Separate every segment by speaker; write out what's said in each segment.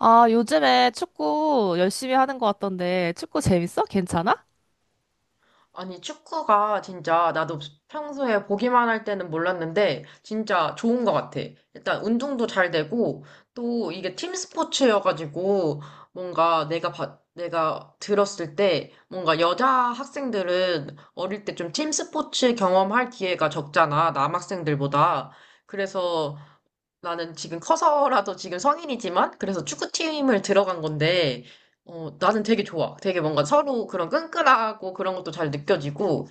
Speaker 1: 아, 요즘에 축구 열심히 하는 것 같던데, 축구 재밌어? 괜찮아?
Speaker 2: 아니, 축구가 진짜 나도 평소에 보기만 할 때는 몰랐는데 진짜 좋은 것 같아. 일단 운동도 잘 되고 또 이게 팀 스포츠여가지고 뭔가 내가 들었을 때 뭔가 여자 학생들은 어릴 때 좀 팀 스포츠 경험할 기회가 적잖아. 남학생들보다. 그래서 나는 지금 커서라도 지금 성인이지만, 그래서 축구팀을 들어간 건데, 어, 나는 되게 좋아. 되게 뭔가 서로 그런 끈끈하고 그런 것도 잘 느껴지고,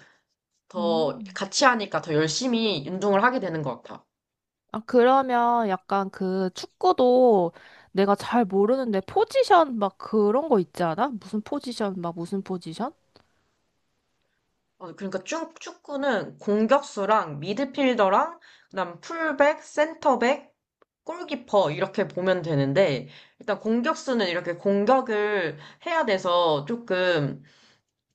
Speaker 2: 더
Speaker 1: 음.
Speaker 2: 같이 하니까 더 열심히 운동을 하게 되는 것 같아.
Speaker 1: 아, 그러면 약간 그 축구도 내가 잘 모르는데 포지션 막 그런 거 있지 않아? 무슨 포지션, 막 무슨 포지션?
Speaker 2: 어, 그러니까 축 축구는 공격수랑 미드필더랑, 그다음 풀백, 센터백, 골키퍼 이렇게 보면 되는데, 일단 공격수는 이렇게 공격을 해야 돼서 조금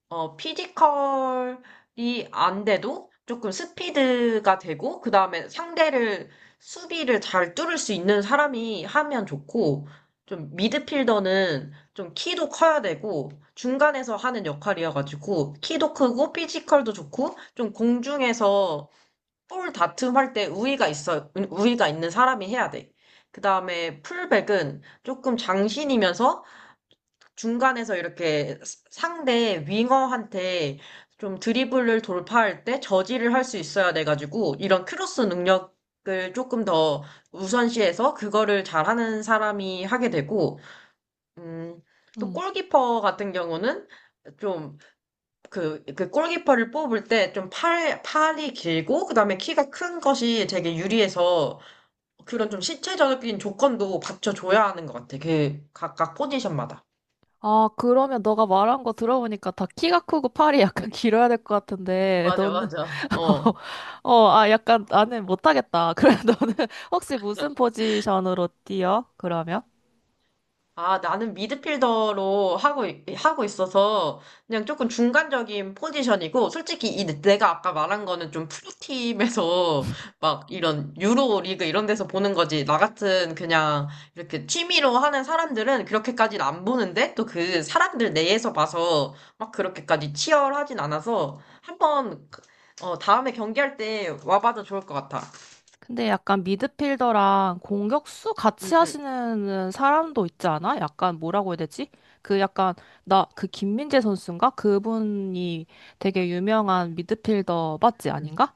Speaker 2: 어, 피지컬이 안 돼도 조금 스피드가 되고, 그 다음에 상대를, 수비를 잘 뚫을 수 있는 사람이 하면 좋고, 좀 미드필더는 좀 키도 커야 되고, 중간에서 하는 역할이어가지고, 키도 크고, 피지컬도 좋고, 좀 공중에서 볼 다툼할 때 우위가 있어, 우위가 있는 사람이 해야 돼. 그 다음에 풀백은 조금 장신이면서 중간에서 이렇게 상대 윙어한테 좀 드리블을 돌파할 때 저지를 할 수 있어야 돼가지고 이런 크로스 능력을 조금 더 우선시해서 그거를 잘하는 사람이 하게 되고 음, 또
Speaker 1: 음.
Speaker 2: 골키퍼 같은 경우는 좀 그, 골키퍼를 뽑을 때 좀 팔이 길고 그다음에 키가 큰 것이 되게 유리해서 그런 좀 신체적인 조건도 받쳐줘야 하는 것 같아. 그 각각 포지션마다.
Speaker 1: 아, 그러면 너가 말한 거 들어보니까 다 키가 크고 팔이 약간 길어야 될 것 같은데,
Speaker 2: 맞아,
Speaker 1: 너는.
Speaker 2: 맞아. 어.
Speaker 1: 어, 아, 약간 나는 못하겠다. 그래, 너는 혹시 무슨 포지션으로 뛰어? 그러면?
Speaker 2: 아, 나는 하고 있어서 그냥 조금 중간적인 포지션이고, 솔직히 이 내가 아까 말한 거는 좀 프로팀에서 막 이런 유로 리그 이런 데서 보는 거지. 나 같은 그냥 이렇게 취미로 하는 사람들은 그렇게까지는 안 보는데, 또 그 사람들 내에서 봐서 막 그렇게까지 치열하진 않아서 한번, 그, 어, 다음에 경기할 때 와봐도 좋을 것 같아.
Speaker 1: 근데 약간 미드필더랑 공격수 같이
Speaker 2: 응, 응,
Speaker 1: 하시는 사람도 있지 않아? 약간 뭐라고 해야 되지? 그 약간 나 그 김민재 선수인가? 그분이 되게 유명한 미드필더 맞지
Speaker 2: 응.
Speaker 1: 아닌가?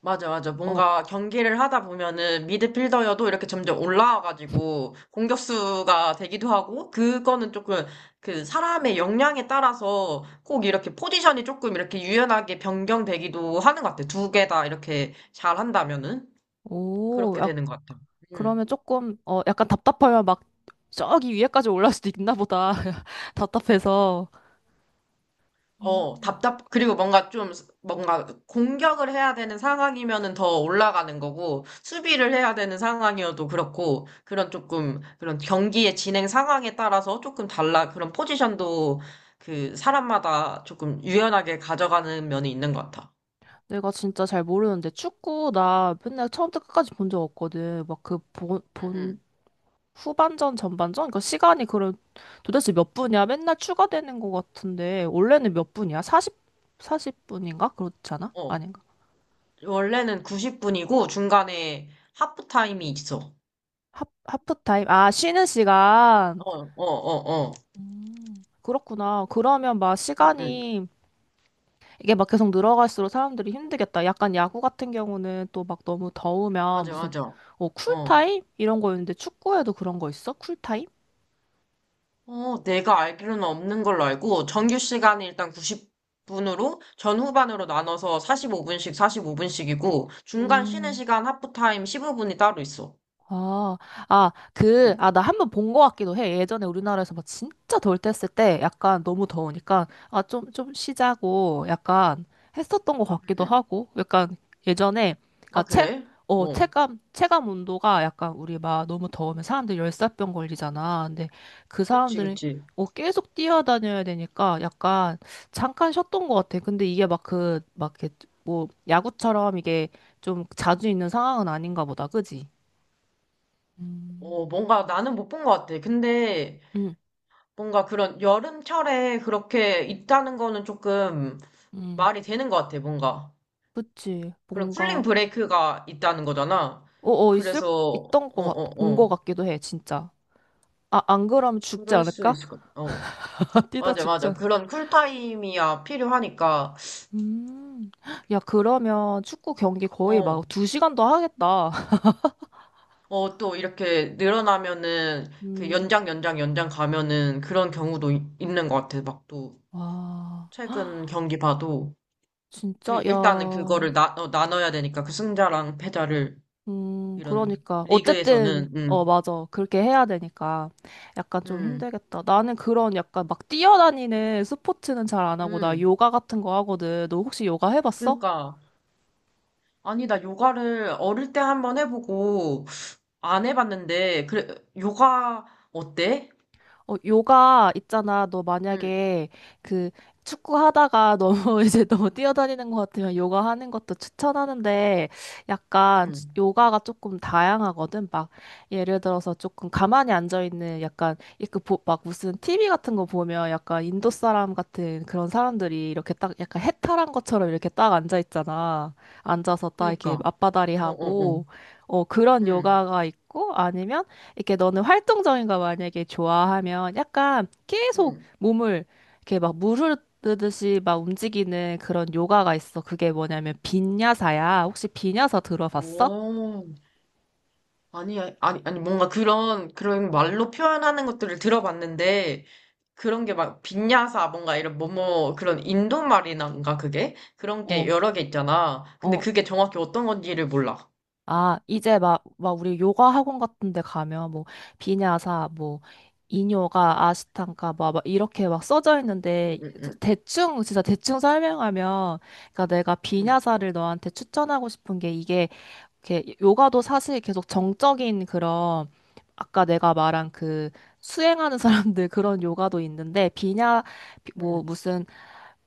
Speaker 2: 맞아, 맞아.
Speaker 1: 어,
Speaker 2: 뭔가 경기를 하다 보면은 미드필더여도 이렇게 점점 올라와가지고 공격수가 되기도 하고, 그거는 조금 그 사람의 역량에 따라서 꼭 이렇게 포지션이 조금 이렇게 유연하게 변경되기도 하는 것 같아. 두 개 다 이렇게 잘 한다면은.
Speaker 1: 오,
Speaker 2: 그렇게
Speaker 1: 약
Speaker 2: 되는 것 같아. 음.
Speaker 1: 그러면 조금 어 약간 답답하면 막 저기 위에까지 올라올 수도 있나 보다. 답답해서. 음.
Speaker 2: 어, 답답, 그리고 뭔가 좀, 스- 뭔가 공격을 해야 되는 상황이면은 더 올라가는 거고, 수비를 해야 되는 상황이어도 그렇고, 그런 조금, 그런 경기의 진행 상황에 따라서 조금 달라, 그런 포지션도 그 사람마다 조금 유연하게 가져가는 면이 있는 것 같아.
Speaker 1: 내가 진짜 잘 모르는데 축구 나 맨날 처음부터 끝까지 본 적 없거든. 막그본본
Speaker 2: 응,
Speaker 1: 후반전, 전반전? 그러니까 시간이 그럼 도대체 몇 분이야? 맨날 추가되는 것 같은데 원래는 몇 분이야? 40, 사십 분인가 그렇지 않아?
Speaker 2: 응. 어,
Speaker 1: 아닌가?
Speaker 2: 원래는 90분이고, 중간에 하프타임이 있어.
Speaker 1: 하프타임? 아, 쉬는 시간.
Speaker 2: 어, 어, 어, 어.
Speaker 1: 그렇구나. 그러면 막
Speaker 2: 응, 응.
Speaker 1: 시간이 이게 막 계속 늘어갈수록 사람들이 힘들겠다. 약간 야구 같은 경우는 또 막 너무 더우면
Speaker 2: 맞아,
Speaker 1: 무슨
Speaker 2: 맞아. 어.
Speaker 1: 쿨타임? 이런 거였는데 축구에도 그런 거 있어? 쿨타임?
Speaker 2: 어, 내가 알기로는 없는 걸로 알고, 정규 시간이 일단 90분으로, 전 후반으로 나눠서 45분씩, 45분씩이고, 중간 쉬는
Speaker 1: 음.
Speaker 2: 시간 하프타임 15분이 따로 있어.
Speaker 1: 아, 아, 그,
Speaker 2: 응,
Speaker 1: 아, 나 한 번 본 거 같기도 해. 예전에 우리나라에서 막 진짜 덜 뗐을 때 약간 너무 더우니까, 아, 좀 쉬자고 약간 했었던 거
Speaker 2: 응,
Speaker 1: 같기도
Speaker 2: 응.
Speaker 1: 하고, 약간 예전에, 그니까
Speaker 2: 아, 그래? 어,
Speaker 1: 체감 온도가 약간 우리 막 너무 더우면 사람들 열사병 걸리잖아. 근데 그
Speaker 2: 그치,
Speaker 1: 사람들은
Speaker 2: 그치.
Speaker 1: 계속 뛰어다녀야 되니까 약간 잠깐 쉬었던 것 같아. 근데 이게 막 그, 막 이렇게 뭐 야구처럼 이게 좀 자주 있는 상황은 아닌가 보다. 그지? 음,
Speaker 2: 어, 뭔가 나는 못 본 것 같아. 근데,
Speaker 1: 음,
Speaker 2: 뭔가 그런 여름철에 그렇게 있다는 거는 조금
Speaker 1: 음.
Speaker 2: 말이 되는 것 같아, 뭔가.
Speaker 1: 그치.
Speaker 2: 그런 쿨링
Speaker 1: 뭔가,
Speaker 2: 브레이크가 있다는 거잖아.
Speaker 1: 있을,
Speaker 2: 그래서,
Speaker 1: 있던
Speaker 2: 어,
Speaker 1: 거 같,
Speaker 2: 어,
Speaker 1: 본 거
Speaker 2: 어.
Speaker 1: 같기도 해, 진짜. 아, 안 그러면 죽지
Speaker 2: 그럴 수
Speaker 1: 않을까?
Speaker 2: 있을 것 같아. 어.
Speaker 1: 뛰다
Speaker 2: 맞아,
Speaker 1: 죽지
Speaker 2: 맞아.
Speaker 1: 않을까?
Speaker 2: 그런 쿨타임이야 필요하니까,
Speaker 1: 음, 야, 그러면 축구 경기 거의
Speaker 2: 어,
Speaker 1: 막 두 시간도 하겠다.
Speaker 2: 어, 또 이렇게 늘어나면은, 그
Speaker 1: 음,
Speaker 2: 연장 가면은 그런 경우도 있는 것 같아. 막 또,
Speaker 1: 와,
Speaker 2: 최근 경기 봐도, 그,
Speaker 1: 진짜, 야,
Speaker 2: 일단은 그거를 나, 어, 나눠야 되니까, 그 승자랑 패자를, 이런,
Speaker 1: 그러니까. 어쨌든,
Speaker 2: 리그에서는,
Speaker 1: 맞아. 그렇게 해야 되니까. 약간 좀
Speaker 2: 음,
Speaker 1: 힘들겠다. 나는 그런 약간 막 뛰어다니는 스포츠는 잘 안 하고, 나
Speaker 2: 음.
Speaker 1: 요가 같은 거 하거든. 너 혹시 요가 해봤어?
Speaker 2: 그러니까, 아니, 나 요가를 어릴 때 한번 해보고, 안 해봤는데, 그래, 요가, 어때?
Speaker 1: 어, 요가 있잖아. 너
Speaker 2: 응,
Speaker 1: 만약에 그 축구 하다가 너무 이제 너무 뛰어다니는 것 같으면 요가 하는 것도 추천하는데 약간
Speaker 2: 응.
Speaker 1: 요가가 조금 다양하거든. 막 예를 들어서 조금 가만히 앉아 있는 약간 이렇게 막 무슨 TV 같은 거 보면 약간 인도 사람 같은 그런 사람들이 이렇게 딱 약간 해탈한 것처럼 이렇게 딱 앉아 있잖아. 앉아서 딱 이렇게
Speaker 2: 그니까,
Speaker 1: 맞바다리
Speaker 2: 어, 어, 어.
Speaker 1: 하고 그런
Speaker 2: 응,
Speaker 1: 요가가 있고 아니면 이렇게 너는 활동적인 거 만약에 좋아하면 약간 계속
Speaker 2: 응.
Speaker 1: 몸을 이렇게 막 무르르듯이 막 움직이는 그런 요가가 있어. 그게 뭐냐면 빈야사야. 혹시 빈야사 들어봤어?
Speaker 2: 오, 아니, 아니, 아니, 뭔가 그런, 그런 말로 표현하는 것들을 들어봤는데, 그런 게 막, 빈야사, 뭔가 이런, 뭐뭐, 그런 인도 말이란가, 그게? 그런 게
Speaker 1: 어,
Speaker 2: 여러 개 있잖아. 근데
Speaker 1: 어.
Speaker 2: 그게 정확히 어떤 건지를 몰라.
Speaker 1: 아, 이제 막 우리 요가 학원 같은 데 가면 뭐 비냐사, 뭐 인요가, 아시탄가 막 이렇게 막 써져 있는데
Speaker 2: 응, 응,
Speaker 1: 대충 진짜 대충 설명하면 그러니까 내가
Speaker 2: 응,
Speaker 1: 비냐사를 너한테 추천하고 싶은 게 이게 이렇게 요가도 사실 계속 정적인 그런 아까 내가 말한 그 수행하는 사람들 그런 요가도 있는데 뭐
Speaker 2: 응,
Speaker 1: 무슨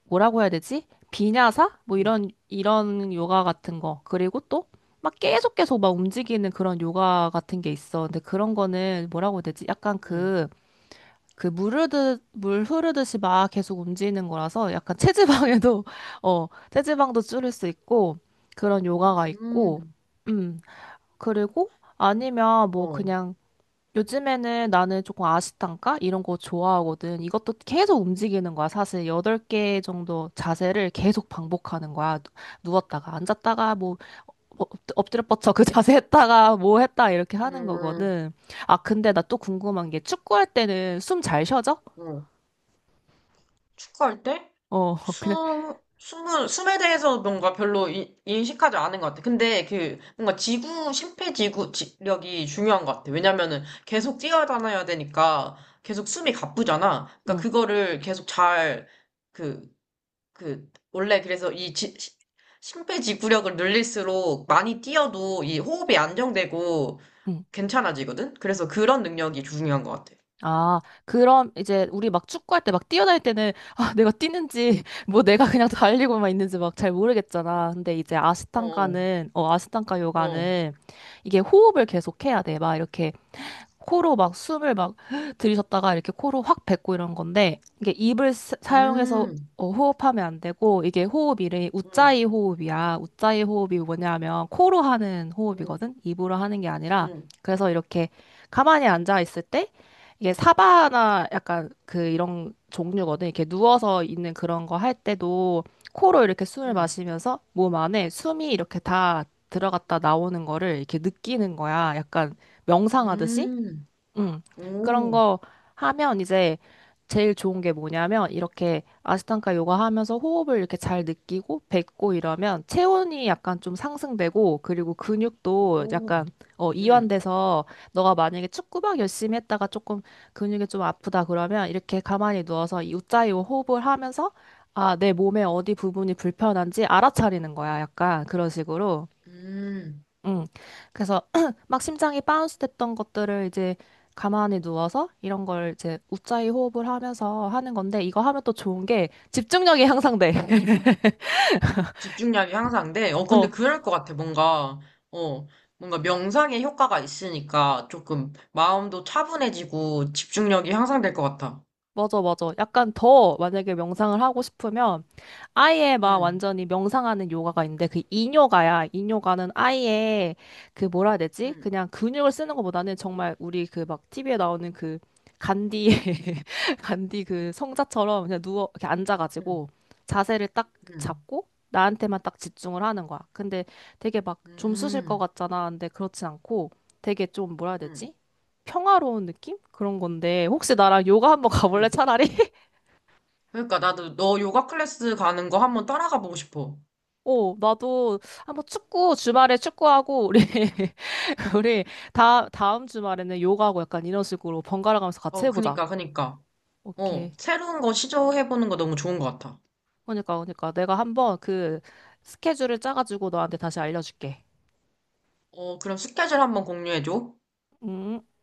Speaker 1: 뭐라고 해야 되지? 비냐사? 뭐
Speaker 2: 응,
Speaker 1: 이런 요가 같은 거. 그리고 또 막 계속 계속 막 움직이는 그런 요가 같은 게 있어. 근데 그런 거는 뭐라고 해야 되지? 약간
Speaker 2: 응,
Speaker 1: 그 물 흐르듯 물 흐르듯이 막 계속 움직이는 거라서 약간 체지방에도 어 체지방도 줄일 수 있고 그런 요가가
Speaker 2: 응,
Speaker 1: 있고
Speaker 2: 응,
Speaker 1: 음. 그리고 아니면 뭐
Speaker 2: 어,
Speaker 1: 그냥 요즘에는 나는 조금 아시탄가 이런 거 좋아하거든. 이것도 계속 움직이는 거야. 사실 8개 정도 자세를 계속 반복하는 거야. 누웠다가 앉았다가 뭐 엎- 엎드려 뻗쳐 그 자세 했다가 뭐 했다 이렇게 하는
Speaker 2: 음,
Speaker 1: 거거든. 아 근데 나 또 궁금한 게 축구할 때는 숨 잘 쉬어져?
Speaker 2: 어. 축구할 때?
Speaker 1: 어 그냥
Speaker 2: 숨에 대해서 뭔가 별로 인식하지 않은 것 같아. 근데 그, 뭔가 지구, 심폐지구 지력이 중요한 것 같아. 왜냐면은 계속 뛰어다녀야 되니까 계속 숨이 가쁘잖아. 그러니까
Speaker 1: 응.
Speaker 2: 그거를 계속 잘, 그, 원래 그래서 심폐지구력을 늘릴수록 많이 뛰어도 이 호흡이 안정되고
Speaker 1: 응.
Speaker 2: 괜찮아지거든? 그래서 그런 능력이 중요한 것 같아.
Speaker 1: 아, 그럼 이제 우리 막 축구할 때 막 뛰어날 때는 아, 내가 뛰는지 뭐 내가 그냥 달리고만 있는지 막 잘 모르겠잖아. 근데 이제
Speaker 2: 어,
Speaker 1: 아시탄가는 아시탄가
Speaker 2: 어,
Speaker 1: 요가는 이게 호흡을 계속 해야 돼. 막 이렇게 코로 막 숨을 막 들이셨다가 이렇게 코로 확 뱉고 이런 건데 이게 입을 사용해서
Speaker 2: 음,
Speaker 1: 호흡하면 안 되고 이게 호흡 이름이
Speaker 2: 음,
Speaker 1: 이 호흡이야. 우짜이 호흡이 뭐냐면 코로 하는
Speaker 2: 음.
Speaker 1: 호흡이거든. 입으로 하는 게 아니라
Speaker 2: 음.
Speaker 1: 그래서 이렇게 가만히 앉아 있을 때 이게 사바나 약간 그 이런 종류거든. 이렇게 누워서 있는 그런 거 할 때도 코로 이렇게 숨을
Speaker 2: 음,
Speaker 1: 마시면서 몸 안에 숨이 이렇게 다 들어갔다 나오는 거를 이렇게 느끼는 거야. 약간 명상하듯이.
Speaker 2: 음,
Speaker 1: 음, 그런
Speaker 2: 오,
Speaker 1: 거 하면 이제 제일 좋은 게 뭐냐면 이렇게 아스탕가 요가 하면서 호흡을 이렇게 잘 느끼고 뱉고 이러면 체온이 약간 좀 상승되고 그리고 근육도
Speaker 2: 오,
Speaker 1: 약간
Speaker 2: 음,
Speaker 1: 이완돼서 너가 만약에 축구막 열심히 했다가 조금 근육이 좀 아프다 그러면 이렇게 가만히 누워서 이 우짜요 호흡을 하면서 아, 내 몸의 어디 부분이 불편한지 알아차리는 거야. 약간 그런 식으로.
Speaker 2: 음.
Speaker 1: 응. 그래서 막 심장이 바운스 됐던 것들을 이제 가만히 누워서 이런 걸 이제 웃자이 호흡을 하면서 하는 건데 이거 하면 또 좋은 게 집중력이 향상돼.
Speaker 2: 집중력이 향상돼? 어, 근데
Speaker 1: 어.
Speaker 2: 그럴 것 같아, 뭔가. 어, 뭔가 명상의 효과가 있으니까 조금 마음도 차분해지고 집중력이 향상될 것 같아.
Speaker 1: 맞아, 맞아. 약간 더 만약에 명상을 하고 싶으면 아예 막
Speaker 2: 음,
Speaker 1: 완전히 명상하는 요가가 있는데 그 인요가야. 인요가는 아예 그 뭐라 해야 되지?
Speaker 2: 음,
Speaker 1: 그냥 근육을 쓰는 것보다는 정말 우리 그 막 TV에 나오는 그 간디, 간디 그 성자처럼 그냥 누워, 이렇게 앉아가지고
Speaker 2: 음,
Speaker 1: 자세를 딱
Speaker 2: 음,
Speaker 1: 잡고 나한테만 딱 집중을 하는 거야. 근데 되게 막 좀 쑤실 것
Speaker 2: 음,
Speaker 1: 같잖아. 근데 그렇진 않고 되게 좀 뭐라 해야
Speaker 2: 음,
Speaker 1: 되지? 평화로운 느낌? 그런 건데 혹시 나랑 요가 한번 가볼래
Speaker 2: 음.
Speaker 1: 차라리?
Speaker 2: 그러니까 나도 너 요가 클래스 가는 거 한번 따라가 보고 싶어.
Speaker 1: 어, 나도 한번 축구 주말에 축구하고 우리 우리 다 다음 주말에는 요가하고 약간 이런 식으로 번갈아 가면서 같이
Speaker 2: 어,
Speaker 1: 해보자.
Speaker 2: 그니까, 그니까. 어,
Speaker 1: 오케이.
Speaker 2: 새로운 거 시도해보는 거 너무 좋은 것 같아.
Speaker 1: 그러니까 내가 한번 그 스케줄을 짜가지고 너한테 다시 알려줄게.
Speaker 2: 어, 그럼 스케줄 한번 공유해줘.
Speaker 1: 음.